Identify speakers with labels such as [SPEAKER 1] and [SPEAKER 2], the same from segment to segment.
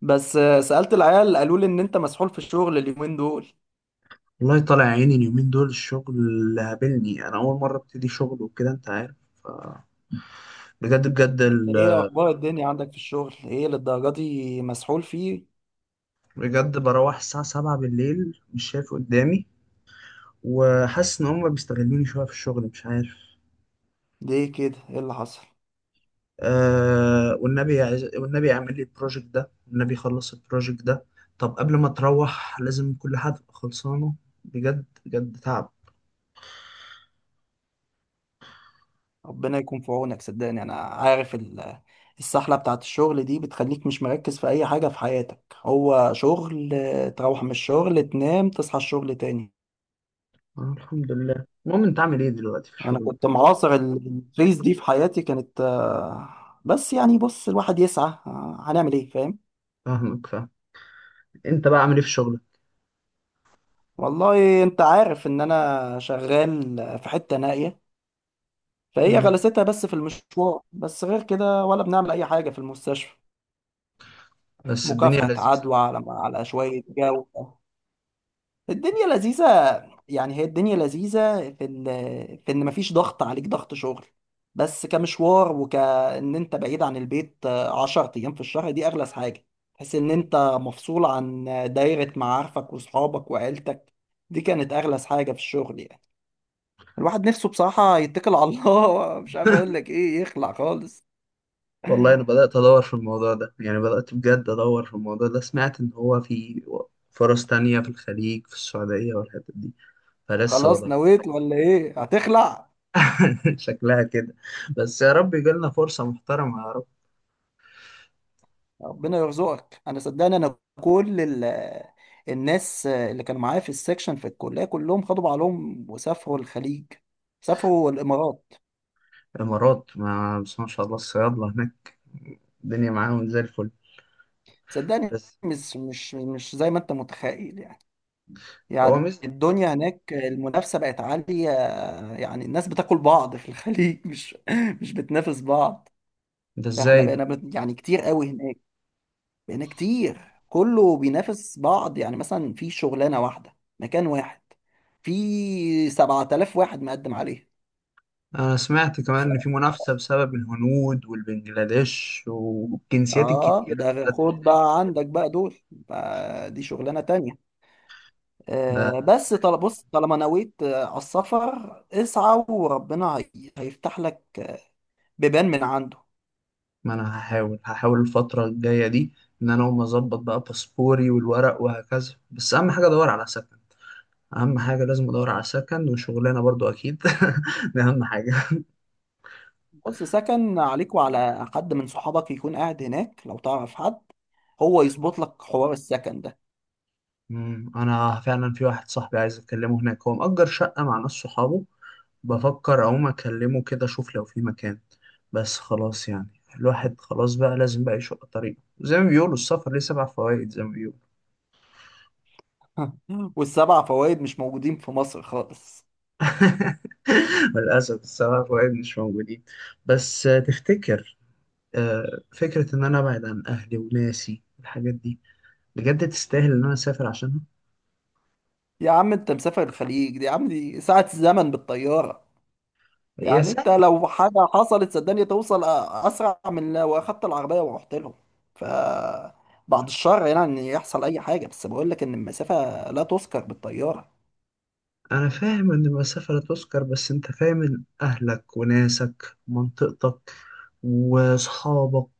[SPEAKER 1] بس، سألت العيال قالوا لي ان انت مسحول في الشغل اليومين دول.
[SPEAKER 2] والله طالع عيني اليومين دول الشغل اللي قابلني. انا اول مره ابتدي شغل وكده انت عارف. ف- بجد بجد
[SPEAKER 1] انت ايه اخبار الدنيا عندك في الشغل؟ ايه للدرجه دي مسحول فيه؟
[SPEAKER 2] بجد بروح الساعه 7 بالليل، مش شايف قدامي. وحاسس ان هم بيستغلوني شويه في الشغل، مش عارف.
[SPEAKER 1] ليه كده؟ ايه اللي حصل؟
[SPEAKER 2] آه، والنبي يعمل لي البروجكت ده، والنبي يخلص البروجكت ده. طب قبل ما تروح لازم كل حاجه تبقى خلصانه. بجد بجد تعب.
[SPEAKER 1] ربنا يكون في عونك، صدقني انا عارف السحله بتاعت الشغل دي بتخليك مش مركز في اي حاجه في حياتك، هو شغل، تروح من الشغل تنام تصحى الشغل تاني.
[SPEAKER 2] آه، الحمد لله. المهم انت عامل ايه دلوقتي في
[SPEAKER 1] انا
[SPEAKER 2] الشغل
[SPEAKER 1] كنت
[SPEAKER 2] بتاعك؟
[SPEAKER 1] معاصر الفيز دي في حياتي كانت بس يعني بص الواحد يسعى، هنعمل ايه؟ فاهم.
[SPEAKER 2] فاهمك، فاهم. انت بقى عامل ايه في شغلك؟
[SPEAKER 1] والله انت عارف ان انا شغال في حتة نائية، فهي
[SPEAKER 2] مم.
[SPEAKER 1] غلستها بس في المشوار، بس غير كده ولا بنعمل اي حاجة في المستشفى.
[SPEAKER 2] بس الدنيا
[SPEAKER 1] مكافحة
[SPEAKER 2] لذيذة.
[SPEAKER 1] عدوى على شوية جو. الدنيا لذيذة. يعني هي الدنيا لذيذة في ان مفيش ضغط عليك، ضغط شغل. بس كمشوار، وكأن انت بعيد عن البيت 10 ايام في الشهر، دي اغلس حاجة. تحس ان انت مفصول عن دايرة معارفك واصحابك وعيلتك. دي كانت اغلس حاجة في الشغل يعني. الواحد نفسه بصراحة يتكل على الله. مش عارف اقول لك ايه، يخلع خالص.
[SPEAKER 2] والله أنا بدأت أدور في الموضوع ده. يعني بدأت بجد أدور في الموضوع ده. سمعت إن هو في فرص تانية في الخليج، في السعودية والحتت دي. فلسه
[SPEAKER 1] خلاص
[SPEAKER 2] وضع.
[SPEAKER 1] نويت ولا ايه؟ هتخلع؟
[SPEAKER 2] شكلها كده. بس يا رب يجيلنا فرصة محترمة، يا رب.
[SPEAKER 1] ربنا يرزقك، انا صدقني انا كل الناس اللي كانوا معايا في السكشن في الكلية كلهم خدوا بعضهم وسافروا الخليج، سافروا الامارات.
[SPEAKER 2] الإمارات ما بس ما شاء الله الصيادلة هناك الدنيا معاهم زي الفل.
[SPEAKER 1] صدقني،
[SPEAKER 2] بس
[SPEAKER 1] مش زي ما انت متخيل يعني.
[SPEAKER 2] هو
[SPEAKER 1] يعني
[SPEAKER 2] مش،
[SPEAKER 1] الدنيا هناك المنافسة بقت عالية. يعني الناس بتاكل بعض في الخليج، مش بتنافس بعض.
[SPEAKER 2] ده
[SPEAKER 1] احنا
[SPEAKER 2] ازاي ده؟
[SPEAKER 1] بقينا يعني كتير قوي هناك. بقينا كتير، كله بينافس بعض. يعني مثلا في شغلانة واحدة، مكان واحد، في 7000 واحد مقدم عليه.
[SPEAKER 2] أنا سمعت كمان
[SPEAKER 1] ف...
[SPEAKER 2] إن في منافسة بسبب الهنود والبنجلاديش والجنسيات
[SPEAKER 1] اه،
[SPEAKER 2] الكتيرة اللي
[SPEAKER 1] ده
[SPEAKER 2] بتقدم
[SPEAKER 1] خد
[SPEAKER 2] هناك.
[SPEAKER 1] بقى عندك بقى، دول بقى دي شغلانة تانية.
[SPEAKER 2] ده
[SPEAKER 1] بس طال بص، طالما نويت على السفر اسعى، وربنا هيفتح لك، بيبان من عنده.
[SPEAKER 2] ما انا هحاول الفترة الجاية دي ان انا اقوم اظبط بقى باسبوري والورق وهكذا. بس اهم حاجة ادور على سكن. اهم حاجة لازم ادور على سكن وشغلانة برضو اكيد. دي اهم حاجة.
[SPEAKER 1] بص، سكن عليك وعلى حد من صحابك يكون قاعد هناك، لو تعرف حد هو يظبط لك حوار السكن ده.
[SPEAKER 2] انا فعلا في واحد صاحبي عايز اكلمه هناك، هو مأجر شقة مع ناس صحابه. بفكر اقوم اكلمه كده اشوف لو في مكان. بس خلاص يعني الواحد خلاص بقى لازم بقى يشق طريقه، زي ما بيقولوا السفر ليه سبع فوائد زي ما بيقولوا.
[SPEAKER 1] والسبع فوائد مش موجودين في مصر خالص.
[SPEAKER 2] للأسف السبع فوائد مش موجودين. بس تفتكر فكرة إن أنا أبعد عن أهلي وناسي الحاجات دي بجد تستاهل إن أنا أسافر عشانها؟
[SPEAKER 1] يا عم انت مسافر الخليج دي؟ يا عم دي ساعة زمن بالطيارة.
[SPEAKER 2] يا
[SPEAKER 1] يعني
[SPEAKER 2] سلام.
[SPEAKER 1] انت لو حاجة حصلت صدقني توصل اسرع من لو اخدت العربية ورحت لهم. ف بعد الشر يعني ان يحصل اي حاجة، بس بقول لك ان المسافة لا تذكر بالطيارة.
[SPEAKER 2] أنا فاهم إن المسافة لا تذكر، بس أنت فاهم إن أهلك وناسك ومنطقتك وأصحابك،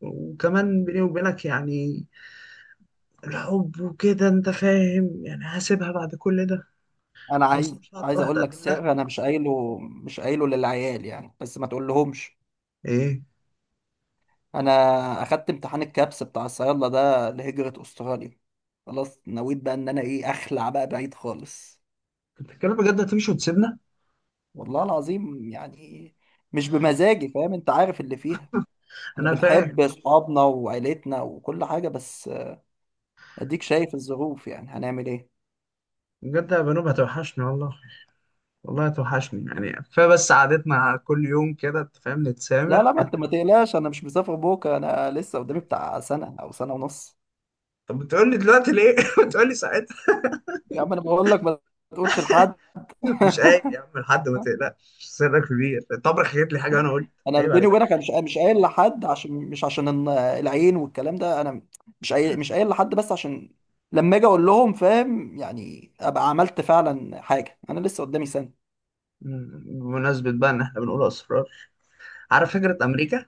[SPEAKER 2] وكمان بيني وبينك يعني الحب وكده، أنت فاهم، يعني هسيبها بعد كل ده؟
[SPEAKER 1] انا
[SPEAKER 2] بس
[SPEAKER 1] عايز
[SPEAKER 2] مش عارف
[SPEAKER 1] عايز
[SPEAKER 2] أروح
[SPEAKER 1] اقول لك
[SPEAKER 2] أتقدم لها.
[SPEAKER 1] سر. انا مش قايله للعيال يعني، بس ما تقولهمش.
[SPEAKER 2] إيه؟
[SPEAKER 1] انا اخدت امتحان الكابس بتاع الصيادله ده لهجره استراليا. خلاص نويت بقى ان انا ايه، اخلع بقى بعيد خالص.
[SPEAKER 2] أنت بتتكلم بجد، هتمشي وتسيبنا؟
[SPEAKER 1] والله العظيم يعني. مش بمزاجي، فاهم؟ انت عارف اللي فيها. احنا
[SPEAKER 2] أنا فاهم.
[SPEAKER 1] بنحب اصحابنا وعيلتنا وكل حاجه، بس اديك شايف الظروف، يعني هنعمل ايه؟
[SPEAKER 2] بجد يا بنوب هتوحشني والله. والله توحشني يعني. فبس قعدتنا كل يوم كده انت فاهم
[SPEAKER 1] لا
[SPEAKER 2] نتسامر
[SPEAKER 1] لا، ما
[SPEAKER 2] يعني.
[SPEAKER 1] انت ما تقلقش، انا مش مسافر بوكا، انا لسه قدامي بتاع سنه او سنه ونص.
[SPEAKER 2] طب بتقول لي دلوقتي ليه؟ بتقول لي ساعتها.
[SPEAKER 1] يا عم انا بقول لك ما تقولش لحد.
[SPEAKER 2] مش قايل يا عم لحد، ما تقلقش، سرك كبير. طب حكيت لي حاجه وانا قلت.
[SPEAKER 1] انا
[SPEAKER 2] عيب
[SPEAKER 1] بيني
[SPEAKER 2] عليك.
[SPEAKER 1] وبينك، انا مش قايل لحد، عشان مش، عشان العين والكلام ده. انا مش قايل لحد بس عشان لما اجي اقول لهم فاهم يعني، ابقى عملت فعلا حاجه. انا لسه قدامي سنه.
[SPEAKER 2] بمناسبة بقى إن إحنا بنقول أسرار، عارف فكرة أمريكا؟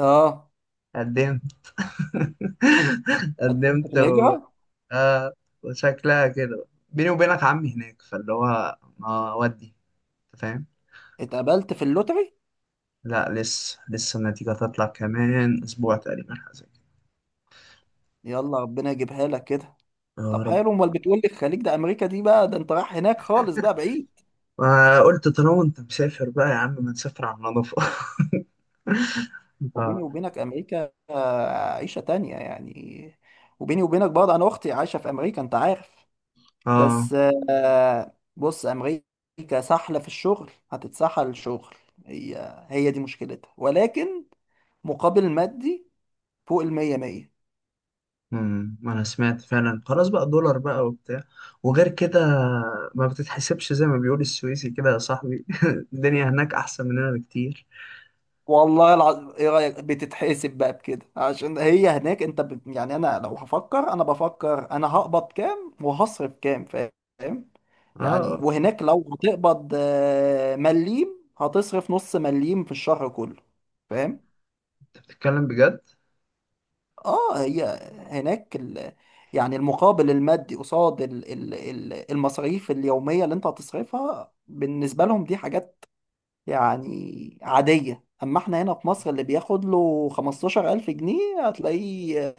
[SPEAKER 1] اه،
[SPEAKER 2] قدمت.
[SPEAKER 1] قدمت في
[SPEAKER 2] قدمت
[SPEAKER 1] الهجره،
[SPEAKER 2] آه. وشكلها كده بيني وبينك عمي هناك، فاللي هو ما ودي. أنت فاهم؟
[SPEAKER 1] اتقبلت في اللوتري؟
[SPEAKER 2] لا لسه لسه، النتيجة تطلع كمان أسبوع تقريبا، حاجة زي كده.
[SPEAKER 1] يلا ربنا يجيبها لك كده.
[SPEAKER 2] يا
[SPEAKER 1] طب
[SPEAKER 2] رب.
[SPEAKER 1] حلو، امال بتقول لي الخليج ده؟ امريكا دي بقى ده انت رايح هناك خالص بقى، بعيد.
[SPEAKER 2] ما قلت طالما انت مسافر بقى يا عم ما نسافر على النظافة.
[SPEAKER 1] وبيني
[SPEAKER 2] اه.
[SPEAKER 1] وبينك امريكا عيشه تانية يعني. وبيني وبينك برضه انا اختي عايشه في امريكا انت عارف.
[SPEAKER 2] اه.
[SPEAKER 1] بس بص، امريكا سحله في الشغل، هتتسحل شغل. هي هي دي مشكلتها، ولكن مقابل مادي فوق المية مية.
[SPEAKER 2] ما انا سمعت فعلا. خلاص بقى دولار بقى وبتاع، وغير كده ما بتتحسبش زي ما بيقول السويسي كده يا صاحبي. الدنيا هناك احسن مننا بكتير.
[SPEAKER 1] والله العظيم، ايه رايك، بتتحسب بقى بكده، عشان هي هناك انت يعني انا لو هفكر انا بفكر انا هقبض كام وهصرف كام، فاهم؟
[SPEAKER 2] اه،
[SPEAKER 1] يعني
[SPEAKER 2] آه.
[SPEAKER 1] وهناك لو هتقبض مليم هتصرف نص مليم في الشهر كله. فاهم.
[SPEAKER 2] انت بتتكلم بجد؟
[SPEAKER 1] اه، هناك يعني المقابل المادي قصاد المصاريف اليومية اللي انت هتصرفها، بالنسبة لهم دي حاجات يعني عادية. اما احنا هنا في مصر اللي بياخد له 15000 جنيه هتلاقيه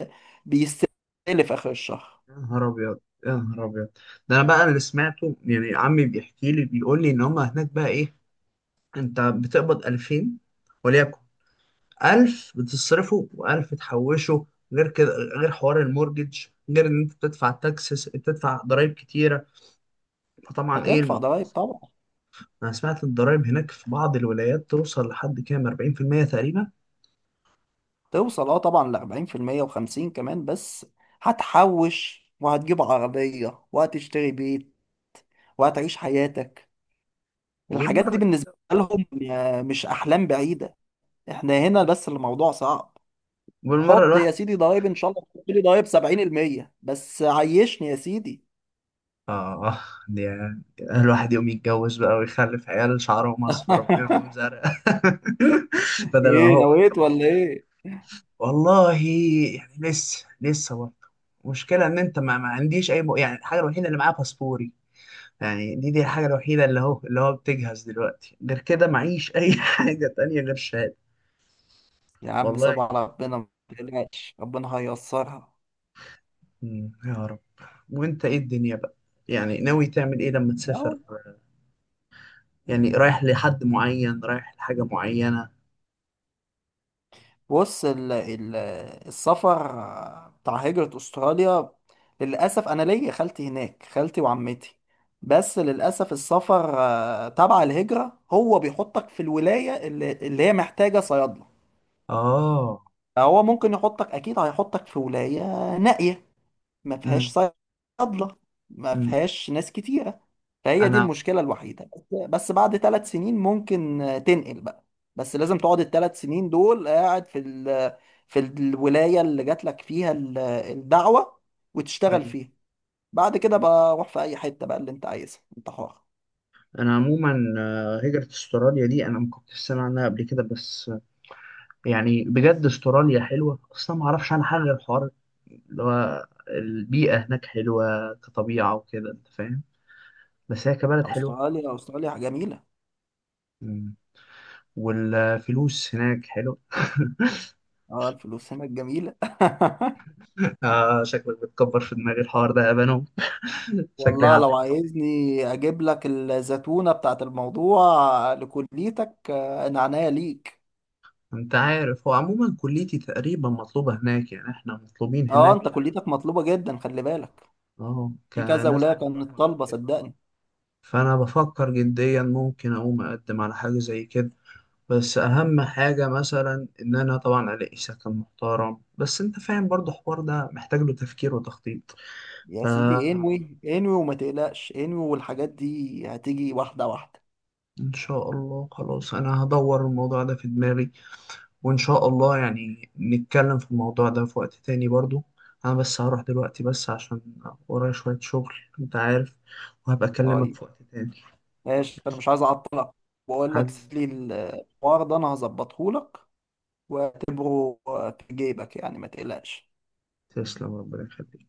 [SPEAKER 1] بيستلف اخر الشهر.
[SPEAKER 2] يا نهار ابيض. يا نهار ابيض. ده انا بقى انا اللي سمعته، يعني عمي بيحكي لي بيقول لي ان هما هناك بقى ايه، انت بتقبض 2000 وليكن، 1000 بتصرفه و1000 تحوشه. غير كده غير حوار المورجج، غير إن أنت بتدفع تاكسس بتدفع ضرايب كتيرة. فطبعا إيه،
[SPEAKER 1] هتدفع
[SPEAKER 2] الموضوع
[SPEAKER 1] ضرايب
[SPEAKER 2] صعب.
[SPEAKER 1] طبعا،
[SPEAKER 2] أنا سمعت الضرايب هناك في بعض الولايات توصل لحد كام 40% تقريبا.
[SPEAKER 1] توصل اه طبعا ل 40% و50 كمان، بس هتحوش وهتجيب عربية وهتشتري بيت وهتعيش حياتك. الحاجات دي
[SPEAKER 2] وبالمرة،
[SPEAKER 1] بالنسبة لهم مش أحلام بعيدة. احنا هنا بس الموضوع صعب. حط يا
[SPEAKER 2] الواحد
[SPEAKER 1] سيدي ضرايب، ان شاء الله تحط لي ضرايب 70%، بس عيشني يا سيدي.
[SPEAKER 2] آه دي الواحد يوم يتجوز بقى ويخلف عيال شعرهم أصفر وعيونهم زرقاء، بدل ما
[SPEAKER 1] ايه،
[SPEAKER 2] هو.
[SPEAKER 1] نويت ولا ايه؟
[SPEAKER 2] والله يعني لسه لسه برضه. المشكلة إن أنت ما عنديش أي يعني الحاجة الوحيدة اللي معايا باسبوري. يعني دي الحاجة الوحيدة اللي هو اللي هو بتجهز دلوقتي، غير كده معيش أي حاجة تانية غير شهادة.
[SPEAKER 1] يا عم
[SPEAKER 2] والله.
[SPEAKER 1] سيب على ربنا، ما تقلقش ربنا هييسرها.
[SPEAKER 2] يا رب. وأنت إيه الدنيا بقى؟ يعني ناوي تعمل إيه لما تسافر؟
[SPEAKER 1] أهو.
[SPEAKER 2] يعني رايح لحد معين، رايح لحاجة معينة؟
[SPEAKER 1] بص، ال ال السفر بتاع هجرة استراليا، للأسف أنا ليا خالتي هناك، خالتي وعمتي. بس للأسف السفر تبع الهجرة هو بيحطك في الولاية اللي هي محتاجة صيادلة.
[SPEAKER 2] آه.
[SPEAKER 1] هو ممكن يحطك، اكيد هيحطك في ولايه نائيه، ما فيهاش
[SPEAKER 2] مم.
[SPEAKER 1] صيادله، ما
[SPEAKER 2] مم.
[SPEAKER 1] فيهاش ناس كتيره. فهي دي
[SPEAKER 2] أنا
[SPEAKER 1] المشكله الوحيده، بس بعد 3 سنين ممكن تنقل بقى. بس لازم تقعد الثلاث سنين دول قاعد في الولايه اللي جات لك فيها الدعوه وتشتغل
[SPEAKER 2] أيوه.
[SPEAKER 1] فيها. بعد كده بقى، روح في اي حته بقى اللي انت عايزها، انت حر.
[SPEAKER 2] أنا عموما هجرة أستراليا دي أنا ما كنتش سامع عنها قبل كده. بس يعني بجد استراليا حلوه، اصلا ما اعرفش عنها حاجه غير الحوار اللي هو البيئه هناك حلوه كطبيعه وكده انت فاهم. بس هي كبلد حلوه.
[SPEAKER 1] استراليا، استراليا جميله.
[SPEAKER 2] مم. والفلوس هناك حلوه.
[SPEAKER 1] اه، الفلوس هناك جميله.
[SPEAKER 2] آه شكلك بتكبر في دماغي الحوار ده يا بنو. شكلي
[SPEAKER 1] والله لو
[SPEAKER 2] هعمل.
[SPEAKER 1] عايزني اجيب لك الزتونة بتاعت الموضوع لكليتك، انا عناية ليك.
[SPEAKER 2] انت عارف هو عموما كليتي تقريبا مطلوبة هناك، يعني احنا مطلوبين
[SPEAKER 1] اه
[SPEAKER 2] هناك.
[SPEAKER 1] انت كليتك مطلوبة جدا، خلي بالك.
[SPEAKER 2] اه
[SPEAKER 1] في كذا
[SPEAKER 2] كناس
[SPEAKER 1] ولاية كانت
[SPEAKER 2] بتبرمج
[SPEAKER 1] طالبة،
[SPEAKER 2] وكده.
[SPEAKER 1] صدقني.
[SPEAKER 2] فانا بفكر جديا ممكن اقوم اقدم على حاجة زي كده. بس اهم حاجه مثلا ان انا طبعا الاقي سكن محترم. بس انت فاهم برضه الحوار ده محتاج له تفكير وتخطيط.
[SPEAKER 1] يا سيدي
[SPEAKER 2] فان
[SPEAKER 1] انوي انوي، وما تقلقش، انوي والحاجات دي هتيجي واحدة واحدة.
[SPEAKER 2] شاء الله خلاص انا هدور الموضوع ده في دماغي. وان شاء الله يعني نتكلم في الموضوع ده في وقت تاني برضه. انا بس هروح دلوقتي بس عشان ورايا شويه شغل، انت عارف، وهبقى اكلمك
[SPEAKER 1] طيب،
[SPEAKER 2] في وقت تاني.
[SPEAKER 1] ماشي، انا مش عايز اعطلك. بقول لك
[SPEAKER 2] حبيبي،
[SPEAKER 1] سيب لي الحوار ده انا هظبطه لك، واعتبره في جيبك يعني، ما تقلقش.
[SPEAKER 2] تسلم، ربنا يخليك.